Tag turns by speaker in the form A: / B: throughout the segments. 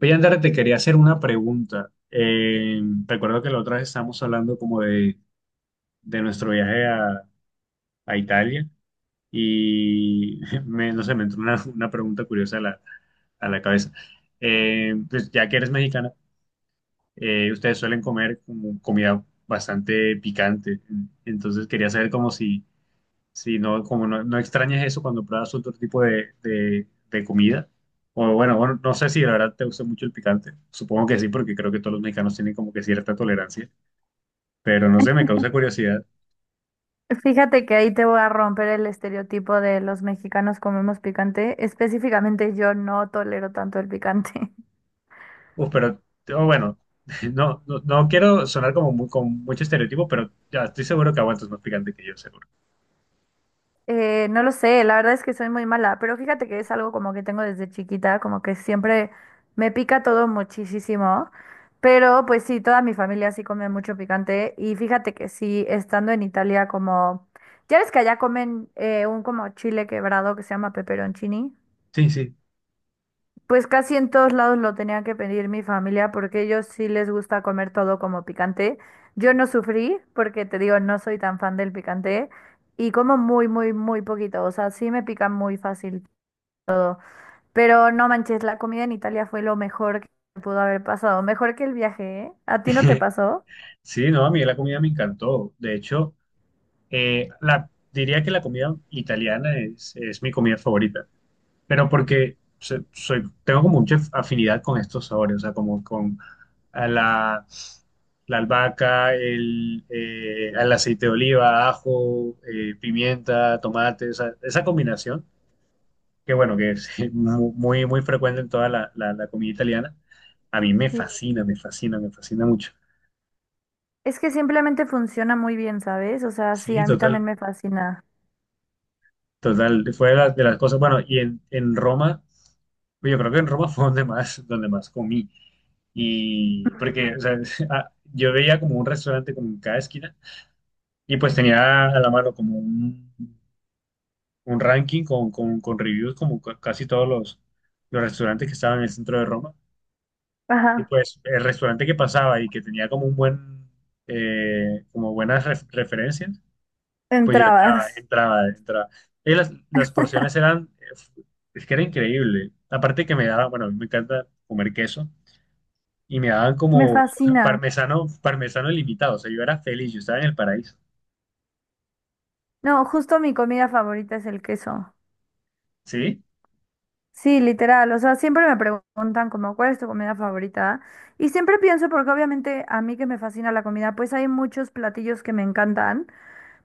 A: Oye, Andrea, te quería hacer una pregunta. Recuerdo que la otra vez estábamos hablando como de nuestro viaje a Italia y no sé, me entró una pregunta curiosa a a la cabeza. Pues ya que eres mexicana, ustedes suelen comer como comida bastante picante, entonces quería saber como si, sí, no, como no extrañes eso cuando pruebas otro tipo de comida. O bueno, no sé si la verdad te gusta mucho el picante. Supongo que sí, porque creo que todos los mexicanos tienen como que cierta tolerancia. Pero no sé, me causa curiosidad.
B: Fíjate que ahí te voy a romper el estereotipo de los mexicanos comemos picante. Específicamente yo no tolero tanto el picante.
A: Uf, pero oh, bueno, no quiero sonar como con mucho estereotipo, pero ya estoy seguro que aguantas más picante que yo, seguro.
B: No lo sé, la verdad es que soy muy mala, pero fíjate que es algo como que tengo desde chiquita, como que siempre me pica todo muchísimo. Pero pues sí, toda mi familia sí come mucho picante y fíjate que sí, estando en Italia como... Ya ves que allá comen un como chile quebrado que se llama pepperoncini.
A: Sí, sí.
B: Pues casi en todos lados lo tenía que pedir mi familia porque ellos sí les gusta comer todo como picante. Yo no sufrí porque te digo, no soy tan fan del picante y como muy, muy, muy poquito. O sea, sí me pica muy fácil. Pero no manches, la comida en Italia fue lo mejor que me pudo haber pasado. Mejor que el viaje, ¿eh? ¿A ti no te pasó?
A: Sí, no, a mí la comida me encantó. De hecho, diría que la comida italiana es mi comida favorita. Pero porque soy, tengo como mucha afinidad con estos sabores, o sea, como con a la albahaca, al aceite de oliva, ajo, pimienta, tomate, o sea, esa combinación, que bueno, que es muy frecuente en toda la comida italiana, a mí me
B: Sí.
A: fascina, me fascina, me fascina mucho.
B: Es que simplemente funciona muy bien, ¿sabes? O sea, sí,
A: Sí,
B: a mí también
A: total,
B: me fascina.
A: total, fue de de las cosas, bueno, en Roma. Pues yo creo que en Roma fue donde más comí. Y porque, o sea, yo veía como un restaurante como en cada esquina y pues tenía a la mano como un ranking con reviews como casi todos los restaurantes que estaban en el centro de Roma. Y
B: Ajá,
A: pues el restaurante que pasaba y que tenía como un como buenas referencias, pues yo entraba,
B: entrabas.
A: entraba, entraba. Y las porciones es que era increíble. Aparte que me daba, bueno, a mí me encanta comer queso. Y me daban
B: Me
A: como
B: fascina.
A: parmesano, parmesano limitado. O sea, yo era feliz, yo estaba en el paraíso.
B: No, justo mi comida favorita es el queso.
A: ¿Sí?
B: Sí, literal. O sea, siempre me preguntan como cuál es tu comida favorita. Y siempre pienso, porque obviamente a mí que me fascina la comida, pues hay muchos platillos que me encantan,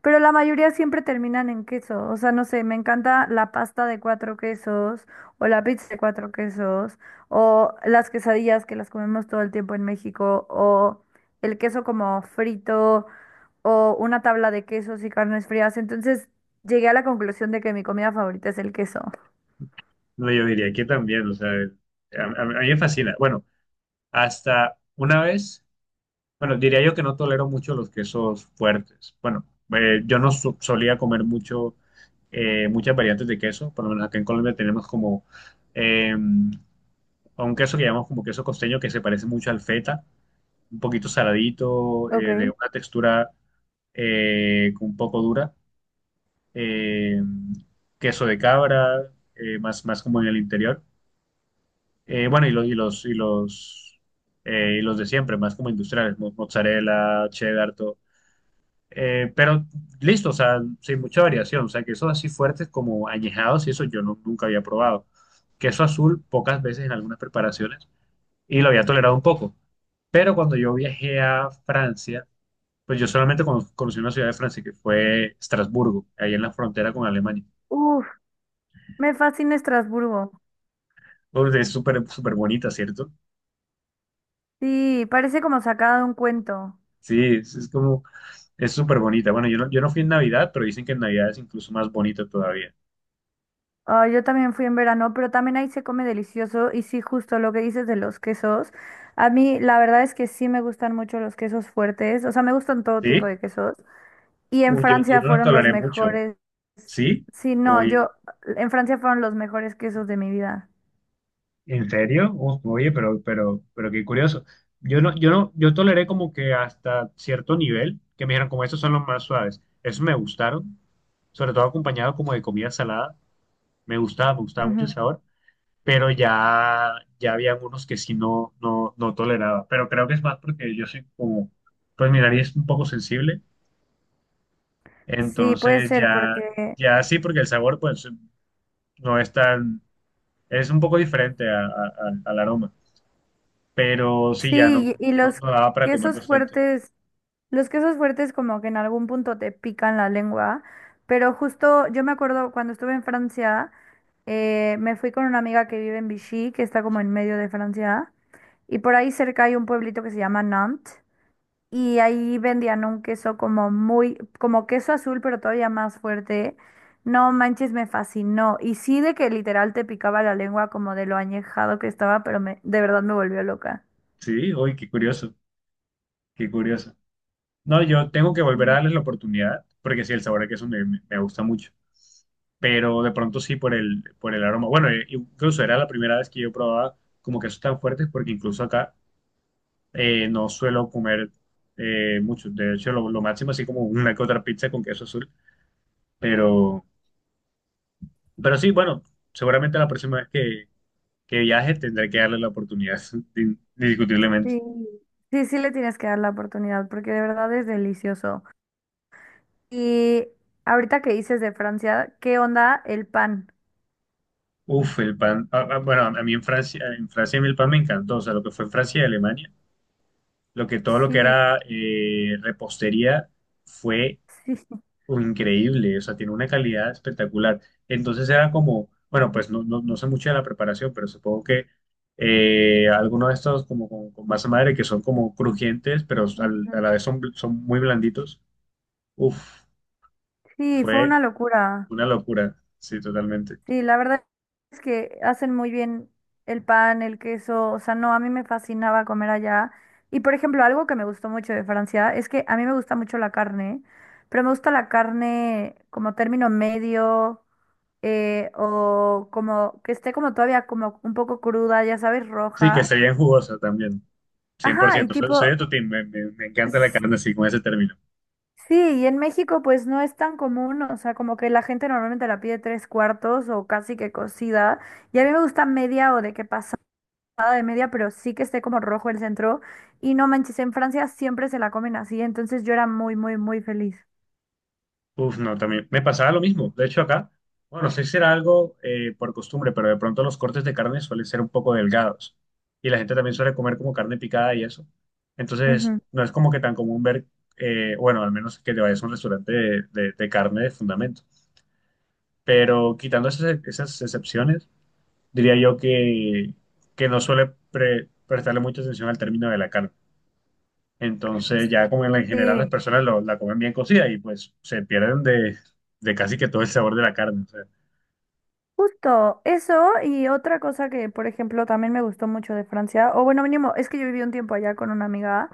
B: pero la mayoría siempre terminan en queso. O sea, no sé, me encanta la pasta de cuatro quesos o la pizza de cuatro quesos o las quesadillas que las comemos todo el tiempo en México o el queso como frito o una tabla de quesos y carnes frías. Entonces llegué a la conclusión de que mi comida favorita es el queso.
A: No, yo diría que también, o sea, a mí me fascina. Bueno, hasta una vez, bueno, diría yo que no tolero mucho los quesos fuertes. Bueno, yo no so- solía comer mucho, muchas variantes de queso, por lo menos acá en Colombia tenemos como eh, a un queso que llamamos como queso costeño que se parece mucho al feta, un poquito saladito, de
B: Ok.
A: una textura un poco dura, eh, queso de cabra, más, más como en el interior. Bueno, y y los de siempre, más como industriales, mozzarella, cheddar, todo. Pero listo, o sea, sin mucha variación, o sea, quesos así fuertes como añejados y eso yo nunca había probado. Queso azul pocas veces en algunas preparaciones y lo había tolerado un poco. Pero cuando yo viajé a Francia, pues yo solamente conocí una ciudad de Francia que fue Estrasburgo, ahí en la frontera con Alemania.
B: Uf. Me fascina Estrasburgo.
A: Uf, es súper, súper bonita, ¿cierto?
B: Sí, parece como sacada de un cuento.
A: Sí, es como, es súper bonita. Bueno, yo no fui en Navidad, pero dicen que en Navidad es incluso más bonita todavía.
B: Ah, yo también fui en verano, pero también ahí se come delicioso. Y sí, justo lo que dices de los quesos. A mí, la verdad es que sí me gustan mucho los quesos fuertes. O sea, me gustan todo
A: ¿Sí?
B: tipo de quesos. Y en
A: Uy, yo
B: Francia
A: no la
B: fueron los
A: toleré mucho.
B: mejores.
A: ¿Sí?
B: Sí, no,
A: Oye,
B: yo. En Francia fueron los mejores quesos de mi vida.
A: ¿en serio? Uf, oye, pero qué curioso. Yo no, yo no, yo toleré como que hasta cierto nivel, que me dijeron como estos son los más suaves. Esos me gustaron, sobre todo acompañado como de comida salada. Me gustaba mucho el
B: Ujú.
A: sabor. Pero ya, ya había algunos que sí no, no, no toleraba. Pero creo que es más porque yo soy como, pues mi nariz es un poco sensible,
B: Sí, puede
A: entonces
B: ser,
A: ya,
B: porque.
A: ya sí, porque el sabor pues no es tan, es un poco diferente al aroma, pero sí, ya
B: Sí,
A: no,
B: y y
A: no,
B: los
A: no daba para
B: quesos
A: comerlos tanto.
B: fuertes. Los quesos fuertes como que en algún punto te pican la lengua, pero justo yo me acuerdo cuando estuve en Francia, me fui con una amiga que vive en Vichy, que está como en medio de Francia, y por ahí cerca hay un pueblito que se llama Nantes, y ahí vendían un queso como muy, como queso azul, pero todavía más fuerte. No manches, me fascinó. Y sí de que literal te picaba la lengua como de lo añejado que estaba, pero me, de verdad me volvió loca.
A: Sí, uy, qué curioso, qué curioso. No, yo tengo que volver a darles la oportunidad, porque sí, el sabor que queso me gusta mucho. Pero de pronto sí por por el aroma. Bueno, incluso era la primera vez que yo probaba como quesos tan fuertes, porque incluso acá no suelo comer mucho. De hecho, lo máximo así como una que otra pizza con queso azul. Pero, pero sí, bueno, seguramente la próxima vez que viaje tendré que darle la oportunidad, indiscutiblemente.
B: Sí, sí, sí le tienes que dar la oportunidad porque de verdad es delicioso. Y ahorita que dices de Francia, ¿qué onda el pan?
A: Uf, el pan. Ah, ah, bueno, a mí en Francia a mí el pan me encantó. O sea, lo que fue en Francia y Alemania, lo que todo lo que
B: Sí,
A: era repostería fue
B: sí,
A: o increíble, o sea, tiene una calidad espectacular. Entonces era como, bueno, pues no, no, no sé mucho de la preparación, pero supongo que algunos de estos como con masa madre que son como crujientes, pero a
B: ujú.
A: la vez son, son muy blanditos. Uf,
B: Sí, fue
A: fue
B: una locura.
A: una locura, sí, totalmente.
B: Sí, la verdad es que hacen muy bien el pan, el queso, o sea, no, a mí me fascinaba comer allá. Y por ejemplo, algo que me gustó mucho de Francia es que a mí me gusta mucho la carne, pero me gusta la carne como término medio. O como que esté como todavía como un poco cruda, ya sabes,
A: Sí, que
B: roja.
A: se veían jugosas también,
B: Ajá, y
A: 100%. Soy, soy
B: tipo,
A: de tu team, me encanta la
B: s-
A: carne así con ese término.
B: sí, y en México pues no es tan común, o sea, como que la gente normalmente la pide tres cuartos o casi que cocida, y a mí me gusta media o de que pasada de media, pero sí que esté como rojo el centro, y no manches, en Francia siempre se la comen así, entonces yo era muy, muy, muy feliz.
A: Uf, no, también me pasaba lo mismo. De hecho, acá, bueno, no sé si era algo por costumbre, pero de pronto los cortes de carne suelen ser un poco delgados y la gente también suele comer como carne picada y eso. Entonces,
B: Ujú.
A: no es como que tan común ver, bueno, al menos que te vayas a un restaurante de carne de fundamento. Pero quitando esas, esas excepciones, diría yo que no suele prestarle mucha atención al término de la carne. Entonces ya como en en general las
B: Sí.
A: personas la comen bien cocida y pues se pierden de casi que todo el sabor de la carne. O sea,
B: Justo eso y otra cosa que, por ejemplo, también me gustó mucho de Francia, o bueno, mínimo, es que yo viví un tiempo allá con una amiga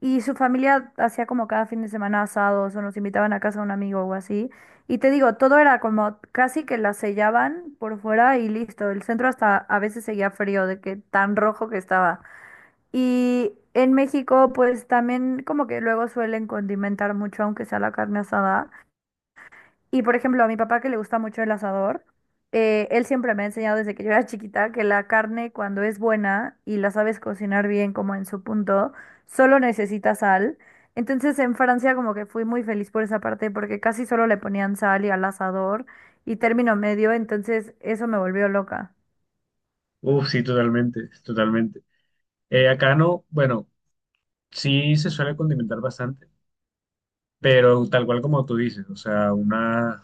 B: y su familia hacía como cada fin de semana asados o nos invitaban a casa de un amigo o así. Y te digo, todo era como casi que la sellaban por fuera y listo. El centro hasta a veces seguía frío de que tan rojo que estaba. Y en México, pues también como que luego suelen condimentar mucho, aunque sea la carne asada. Y por ejemplo, a mi papá que le gusta mucho el asador, él siempre me ha enseñado desde que yo era chiquita que la carne cuando es buena y la sabes cocinar bien como en su punto, solo necesita sal. Entonces en Francia como que fui muy feliz por esa parte porque casi solo le ponían sal y al asador y término medio, entonces eso me volvió loca.
A: uf, sí, totalmente, totalmente. Acá no, bueno, sí se suele condimentar bastante, pero tal cual como tú dices, o sea,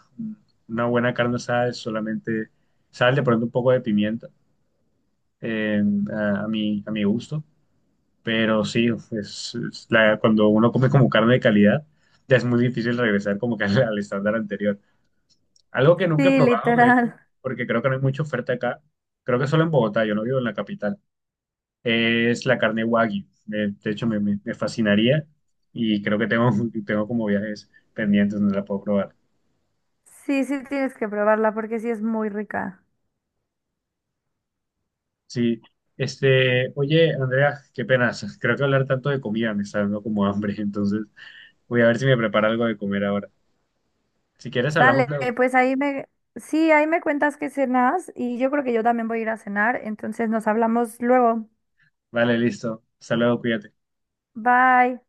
A: una buena carne asada es solamente sal, de pronto un poco de pimienta, eh, a mi gusto, pero sí, pues cuando uno come como carne de calidad, ya es muy difícil regresar como que al al estándar anterior. Algo que nunca he
B: Sí,
A: probado, de hecho,
B: literal.
A: porque creo que no hay mucha oferta acá. Creo que solo en Bogotá, yo no vivo en la capital. Es la carne Wagyu. De hecho, me fascinaría y creo que tengo, tengo como viajes pendientes donde la puedo probar.
B: Sí, sí tienes que probarla porque sí es muy rica.
A: Sí, este, oye, Andrea, qué pena. Creo que hablar tanto de comida me está dando como hambre, entonces voy a ver si me preparo algo de comer ahora. Si quieres, hablamos
B: Sale,
A: luego.
B: pues ahí me, sí, ahí me cuentas qué cenas y yo creo que yo también voy a ir a cenar, entonces nos hablamos luego.
A: Vale, listo. Hasta luego, cuídate.
B: Bye.